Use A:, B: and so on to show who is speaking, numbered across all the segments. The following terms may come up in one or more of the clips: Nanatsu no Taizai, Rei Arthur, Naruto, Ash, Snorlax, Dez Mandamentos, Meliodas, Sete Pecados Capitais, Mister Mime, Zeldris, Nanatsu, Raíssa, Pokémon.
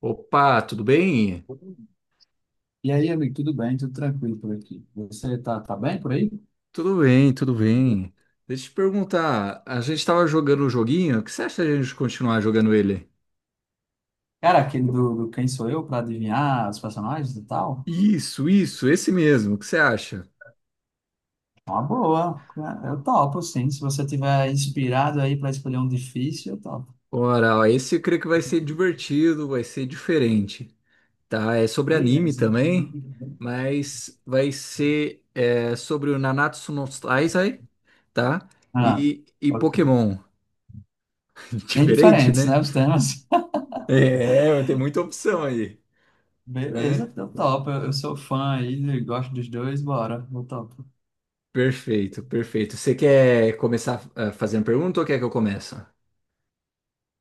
A: Opa, tudo bem?
B: E aí, amigo, tudo bem? Tudo tranquilo por aqui. Você tá bem por aí?
A: Tudo bem, tudo bem. Deixa eu te perguntar, a gente estava jogando um joguinho, o que você acha de a gente continuar jogando ele?
B: Cara, aquele do Quem Sou Eu para adivinhar os personagens e tal?
A: Isso, esse mesmo, o que você acha?
B: É uma boa. É, eu topo, sim. Se você tiver inspirado aí para escolher um difícil, eu topo.
A: Ora, ó, esse eu creio que vai ser divertido, vai ser diferente, tá? É sobre anime
B: Beleza.
A: também, mas vai ser sobre o Nanatsu no Taizai, tá?
B: Ah,
A: E
B: ok.
A: Pokémon.
B: Bem
A: Diferente,
B: diferentes,
A: né?
B: né, os temas?
A: É, vai ter muita opção aí, né?
B: Beleza, eu topo. Eu sou fã aí, gosto dos dois, bora. Eu topo.
A: Perfeito, perfeito. Você quer começar fazendo pergunta ou quer que eu comece?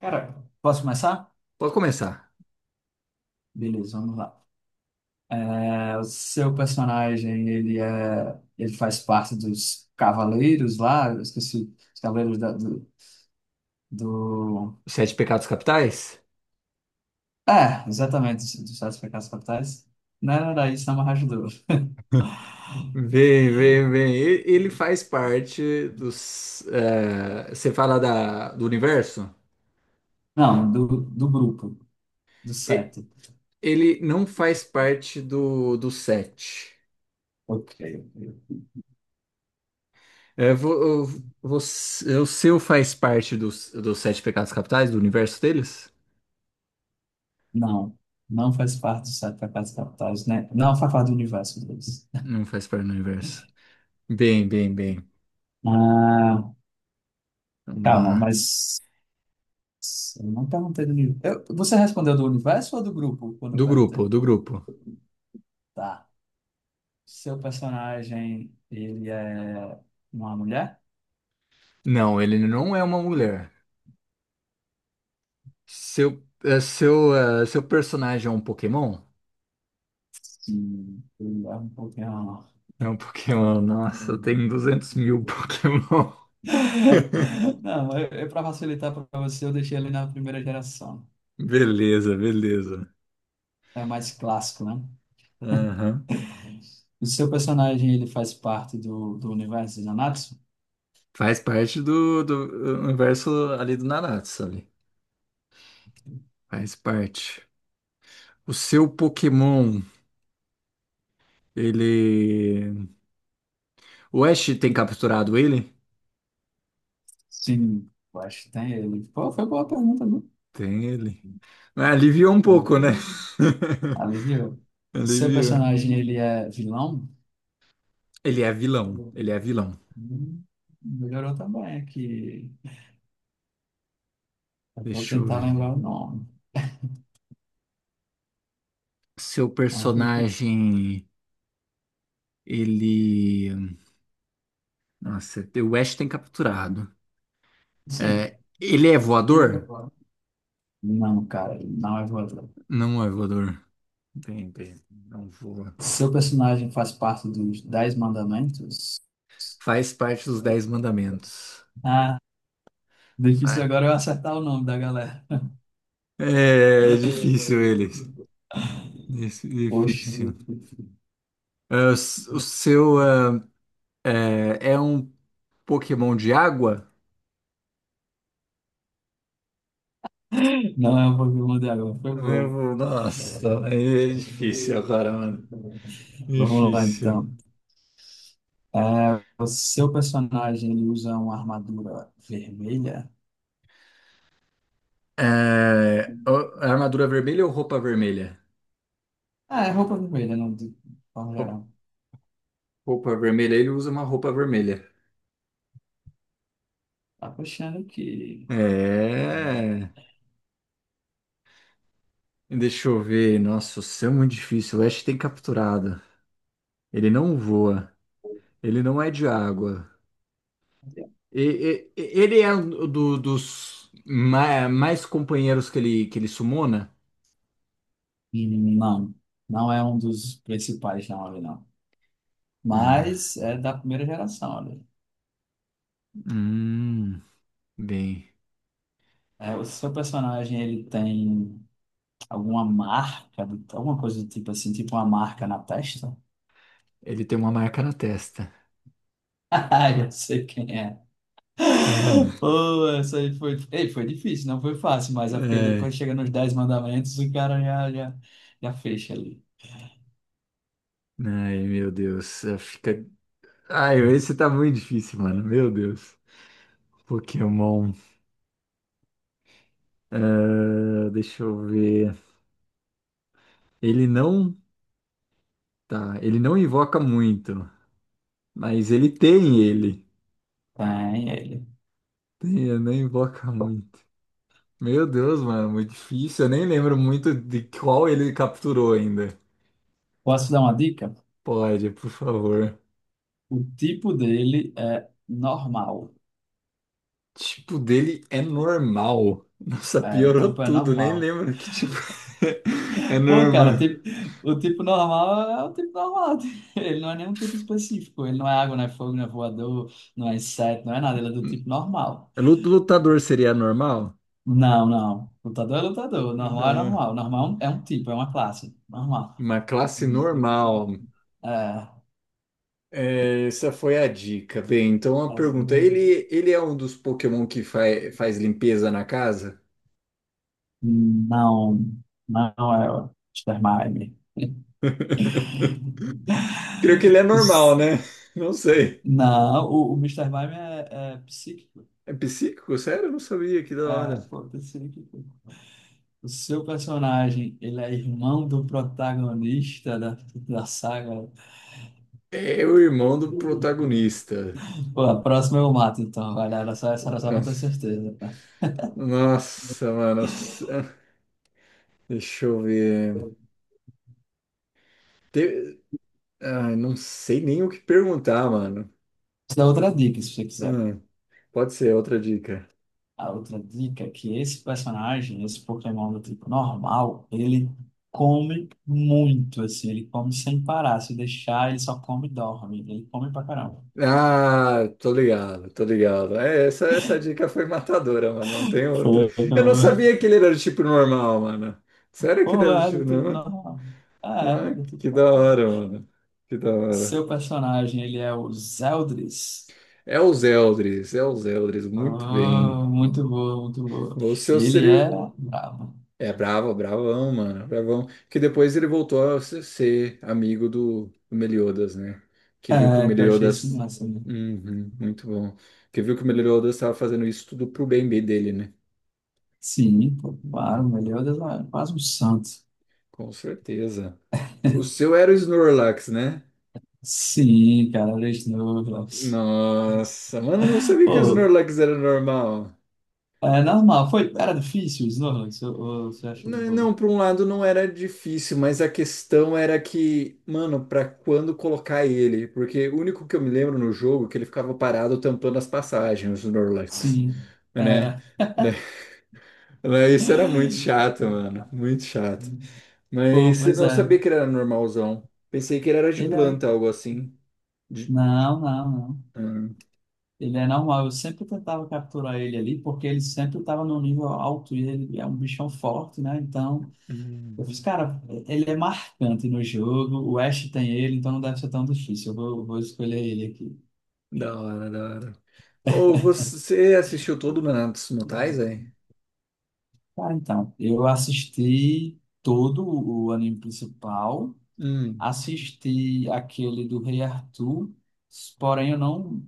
B: Cara, posso começar?
A: Pode começar.
B: Beleza, vamos lá. O seu personagem, ele faz parte dos cavaleiros lá, eu esqueci, os cavaleiros da- do... do....
A: Os sete pecados capitais?
B: É, exatamente, dos sete pecados capitais. Não era daí, Sama Hajdu.
A: Vem, vem, vem. Ele faz parte dos. Você fala do universo?
B: Não, do grupo, do
A: E-
B: sete.
A: Ele não faz parte do sete.
B: Ok. Ok.
A: É, você, o seu faz parte dos sete pecados capitais, do universo deles?
B: Não, não faz parte dos sete pecados capitais, né? Não faz parte do universo deles.
A: Não faz parte do universo. Bem, bem, bem.
B: Ah,
A: Vamos
B: calma,
A: lá.
B: mas eu não perguntei do universo. Você respondeu do universo ou do grupo quando eu
A: Do grupo,
B: perguntei?
A: do grupo.
B: Tá. Seu personagem, ele é uma mulher?
A: Não, ele não é uma mulher. Seu personagem é um Pokémon?
B: Sim, ele é um pouquinho.
A: É um Pokémon. Nossa, tem 200.000 Pokémon.
B: Não, eu para facilitar para você, eu deixei ele na primeira geração.
A: Beleza, beleza.
B: É mais clássico, né?
A: Aham.
B: O seu personagem, ele faz parte do universo de Nanatsu?
A: Faz parte do universo ali do Naruto, ali. Faz parte. O seu Pokémon, ele. O Ash tem capturado ele?
B: Sim, eu acho que tem ele. Pô, foi boa pergunta, viu?
A: Tem ele. Ah, aliviou um pouco, né?
B: Tem. Aliviou. O seu
A: Aliviou.
B: personagem, ele é vilão?
A: Ele é vilão. Ele é vilão.
B: Hum, Melhorou também aqui. Eu vou
A: Deixa eu
B: tentar lembrar
A: ver.
B: o nome.
A: Seu
B: Ah,
A: personagem, ele. Nossa, o West tem capturado.
B: sim.
A: É, ele é voador?
B: Não, cara, não é voador.
A: Não é voador. Bem, bem, não voa.
B: Seu personagem faz parte dos Dez Mandamentos?
A: Faz parte dos Dez Mandamentos.
B: Ah, difícil
A: Ah,
B: agora eu acertar o nome da galera.
A: é difícil eles.
B: Poxa,
A: Difícil. É, o o seu é, é um Pokémon de água?
B: não é o Pokémon de agora, foi boa.
A: Meu, nossa, aí é difícil agora, mano.
B: Vamos lá,
A: Difícil.
B: então. É, o seu personagem ele usa uma armadura vermelha?
A: É, a armadura vermelha ou roupa vermelha?
B: Ah, é roupa vermelha, não, de forma
A: Roup-
B: geral.
A: Roupa vermelha, ele usa uma roupa vermelha.
B: Tá achando que.
A: É. Deixa eu ver. Nossa, o céu é muito difícil. O Ash tem capturado. Ele não voa. Ele não é de água. E- Ele é um dos mais companheiros que ele sumona?
B: Não, não é um dos principais não nomes, não.
A: Ah,
B: Mas é da primeira geração, olha.
A: hum, bem,
B: É, o seu personagem, ele tem alguma marca, alguma coisa do tipo assim, tipo uma marca na testa?
A: ele tem uma marca na testa.
B: Ah, eu sei quem é.
A: Ah,
B: Pô, essa aí foi. Ei, foi difícil, não foi fácil, mas é porque depois
A: é.
B: chega nos dez mandamentos, o cara já fecha ali.
A: Ai, meu Deus. Fica. Ai, esse tá muito difícil, mano. Meu Deus. Pokémon. Ah, deixa eu ver. Ele não. Tá, ele não invoca muito, mas ele tem ele.
B: Tem ele.
A: Tem, ele não invoca muito. Meu Deus, mano, muito difícil. Eu nem lembro muito de qual ele capturou ainda.
B: Posso dar uma dica?
A: Pode, por favor.
B: O tipo dele é normal.
A: Tipo dele é normal. Nossa,
B: É, o
A: piorou
B: tipo é
A: tudo. Nem
B: normal.
A: lembro que tipo é
B: Pô, cara,
A: normal.
B: o tipo normal é o tipo normal. Ele não é nenhum tipo específico. Ele não é água, não é fogo, não é voador, não é inseto, não é nada. Ele é do tipo normal.
A: Lutador seria normal?
B: Não, não. Lutador é lutador. Normal é
A: Uhum.
B: normal. Normal é um tipo, é uma classe. Normal.
A: Uma classe normal.
B: É.
A: É, essa foi a dica. Bem, então a pergunta: ele é um dos Pokémon que faz limpeza na casa?
B: Não, não é o Mister Mime.
A: Creio que ele é normal, né? Não sei.
B: Não, o Mr. Mime é psíquico.
A: É psíquico? Sério? Eu não sabia, que da hora.
B: Ah, pô, pensei que o seu personagem, ele é irmão do protagonista da saga.
A: É o irmão do protagonista.
B: Pô, a próxima eu mato, então. Olha, era só, essa era só pra ter certeza. Tá?
A: Nossa, mano. Deixa eu ver. Te- Ah, não sei nem o que perguntar, mano.
B: Isso é outra dica, se você quiser.
A: Ah, pode ser outra dica.
B: A outra dica é que esse personagem, esse Pokémon do tipo normal, ele come muito, assim, ele come sem parar. Se deixar, ele só come e dorme. Ele come pra caramba.
A: Ah, tô ligado, tô ligado. É, essa dica foi matadora, mano. Não tem outra.
B: Foi,
A: Eu não
B: meu.
A: sabia que ele era do tipo normal, mano. Sério que ele
B: Pô,
A: era do
B: é do
A: tipo
B: tipo
A: normal?
B: normal. É,
A: Ah,
B: do tipo.
A: que da hora, mano. Que da hora.
B: Seu personagem, ele é o Zeldris.
A: É os Eldris, muito bem.
B: Oh, muito boa, muito boa.
A: O seu
B: Ele
A: seria.
B: é bravo.
A: É bravo, bravão, mano. Bravão. Que depois ele voltou a ser amigo do Meliodas, né? Que viu que o
B: É, que eu achei isso
A: Meliodas.
B: massa, né?
A: Uhum, muito bom. Que viu que o Meliodas estava fazendo isso tudo pro bem dele, né?
B: Sim, pô, claro,
A: Uhum,
B: melhor Deus, é quase um santo.
A: com certeza. O seu era o Snorlax, né?
B: Sim, cara, era Snorlax.
A: Nossa, mano, eu não sabia que o
B: Pô,
A: Snorlax era normal.
B: é normal, foi, era difícil o Snorlax, ou você achou de boa?
A: Não, por um lado não era difícil, mas a questão era que, mano, pra quando colocar ele? Porque o único que eu me lembro no jogo é que ele ficava parado tampando as passagens, o Snorlax,
B: Sim,
A: né?
B: era.
A: Isso era muito chato, mano, muito chato.
B: Pô,
A: Mas eu
B: pois
A: não
B: é,
A: sabia que ele era normalzão. Pensei que ele era de
B: ele
A: planta,
B: é.
A: algo assim. De...
B: Não, não, não.
A: ah.
B: Ele é normal, eu sempre tentava capturar ele ali, porque ele sempre estava no nível alto e ele é um bichão forte, né? Então, eu fiz,
A: Uhum.
B: cara, ele é marcante no jogo, o Ash tem ele, então não deve ser tão difícil, eu vou escolher ele aqui.
A: Da hora, da hora. Ou você assistiu todo o Nanatsu no Taizai?
B: Cara, então, eu assisti todo o anime principal,
A: Hum.
B: assisti aquele do Rei Arthur, porém eu não,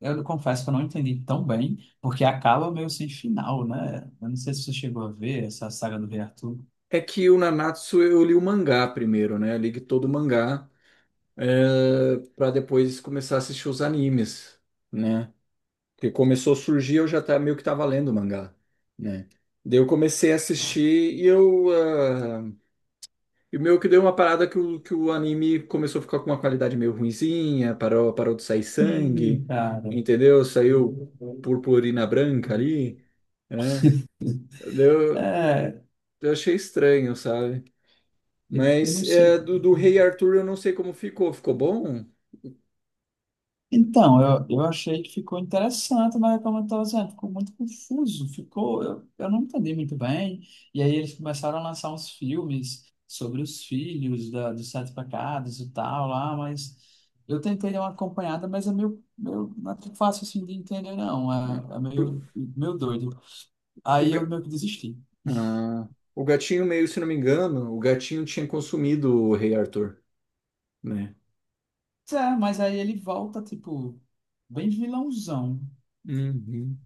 B: eu confesso que eu não entendi tão bem, porque acaba meio sem final, né? Eu não sei se você chegou a ver essa saga do Rei Arthur.
A: É que o Nanatsu eu li o mangá primeiro, né? Eu li todo o mangá para depois começar a assistir os animes, né? Porque começou a surgir, eu já tá, meio que tava lendo o mangá, né? Daí eu comecei a assistir e e meio que deu uma parada que que o anime começou a ficar com uma qualidade meio ruinzinha, parou, parou de sair
B: Sim,
A: sangue,
B: cara.
A: entendeu? Saiu purpurina branca ali, né? Deu,
B: É,
A: eu achei estranho, sabe?
B: eu
A: Mas
B: não
A: é,
B: sei.
A: do Rei Arthur eu não sei como ficou. Ficou bom?
B: Então, eu achei que ficou interessante, mas como eu estava dizendo, ficou muito confuso, ficou, eu não entendi muito bem. E aí eles começaram a lançar uns filmes sobre os filhos dos sete pecados e tal lá, mas eu tentei dar uma acompanhada, mas é meio não é tão fácil assim de entender, não, é
A: Por-
B: meio doido.
A: O,
B: Aí eu meio que desisti.
A: ah, o gatinho meio, se não me engano, o gatinho tinha consumido o Rei Arthur, né?
B: É, mas aí ele volta, tipo, bem vilãozão.
A: Uhum.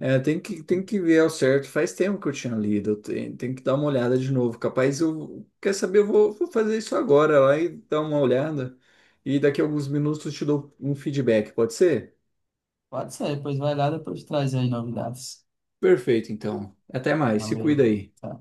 A: É, tem que ver ao certo. Faz tempo que eu tinha lido. Tem, tem que dar uma olhada de novo. Capaz eu. Quer saber? Eu vou, vou fazer isso agora lá e dar uma olhada. E daqui a alguns minutos eu te dou um feedback, pode ser?
B: Pode ser, pois vai lá, depois traz aí novidades.
A: Perfeito, então. Até mais. Se
B: Valeu.
A: cuida aí.
B: Tá.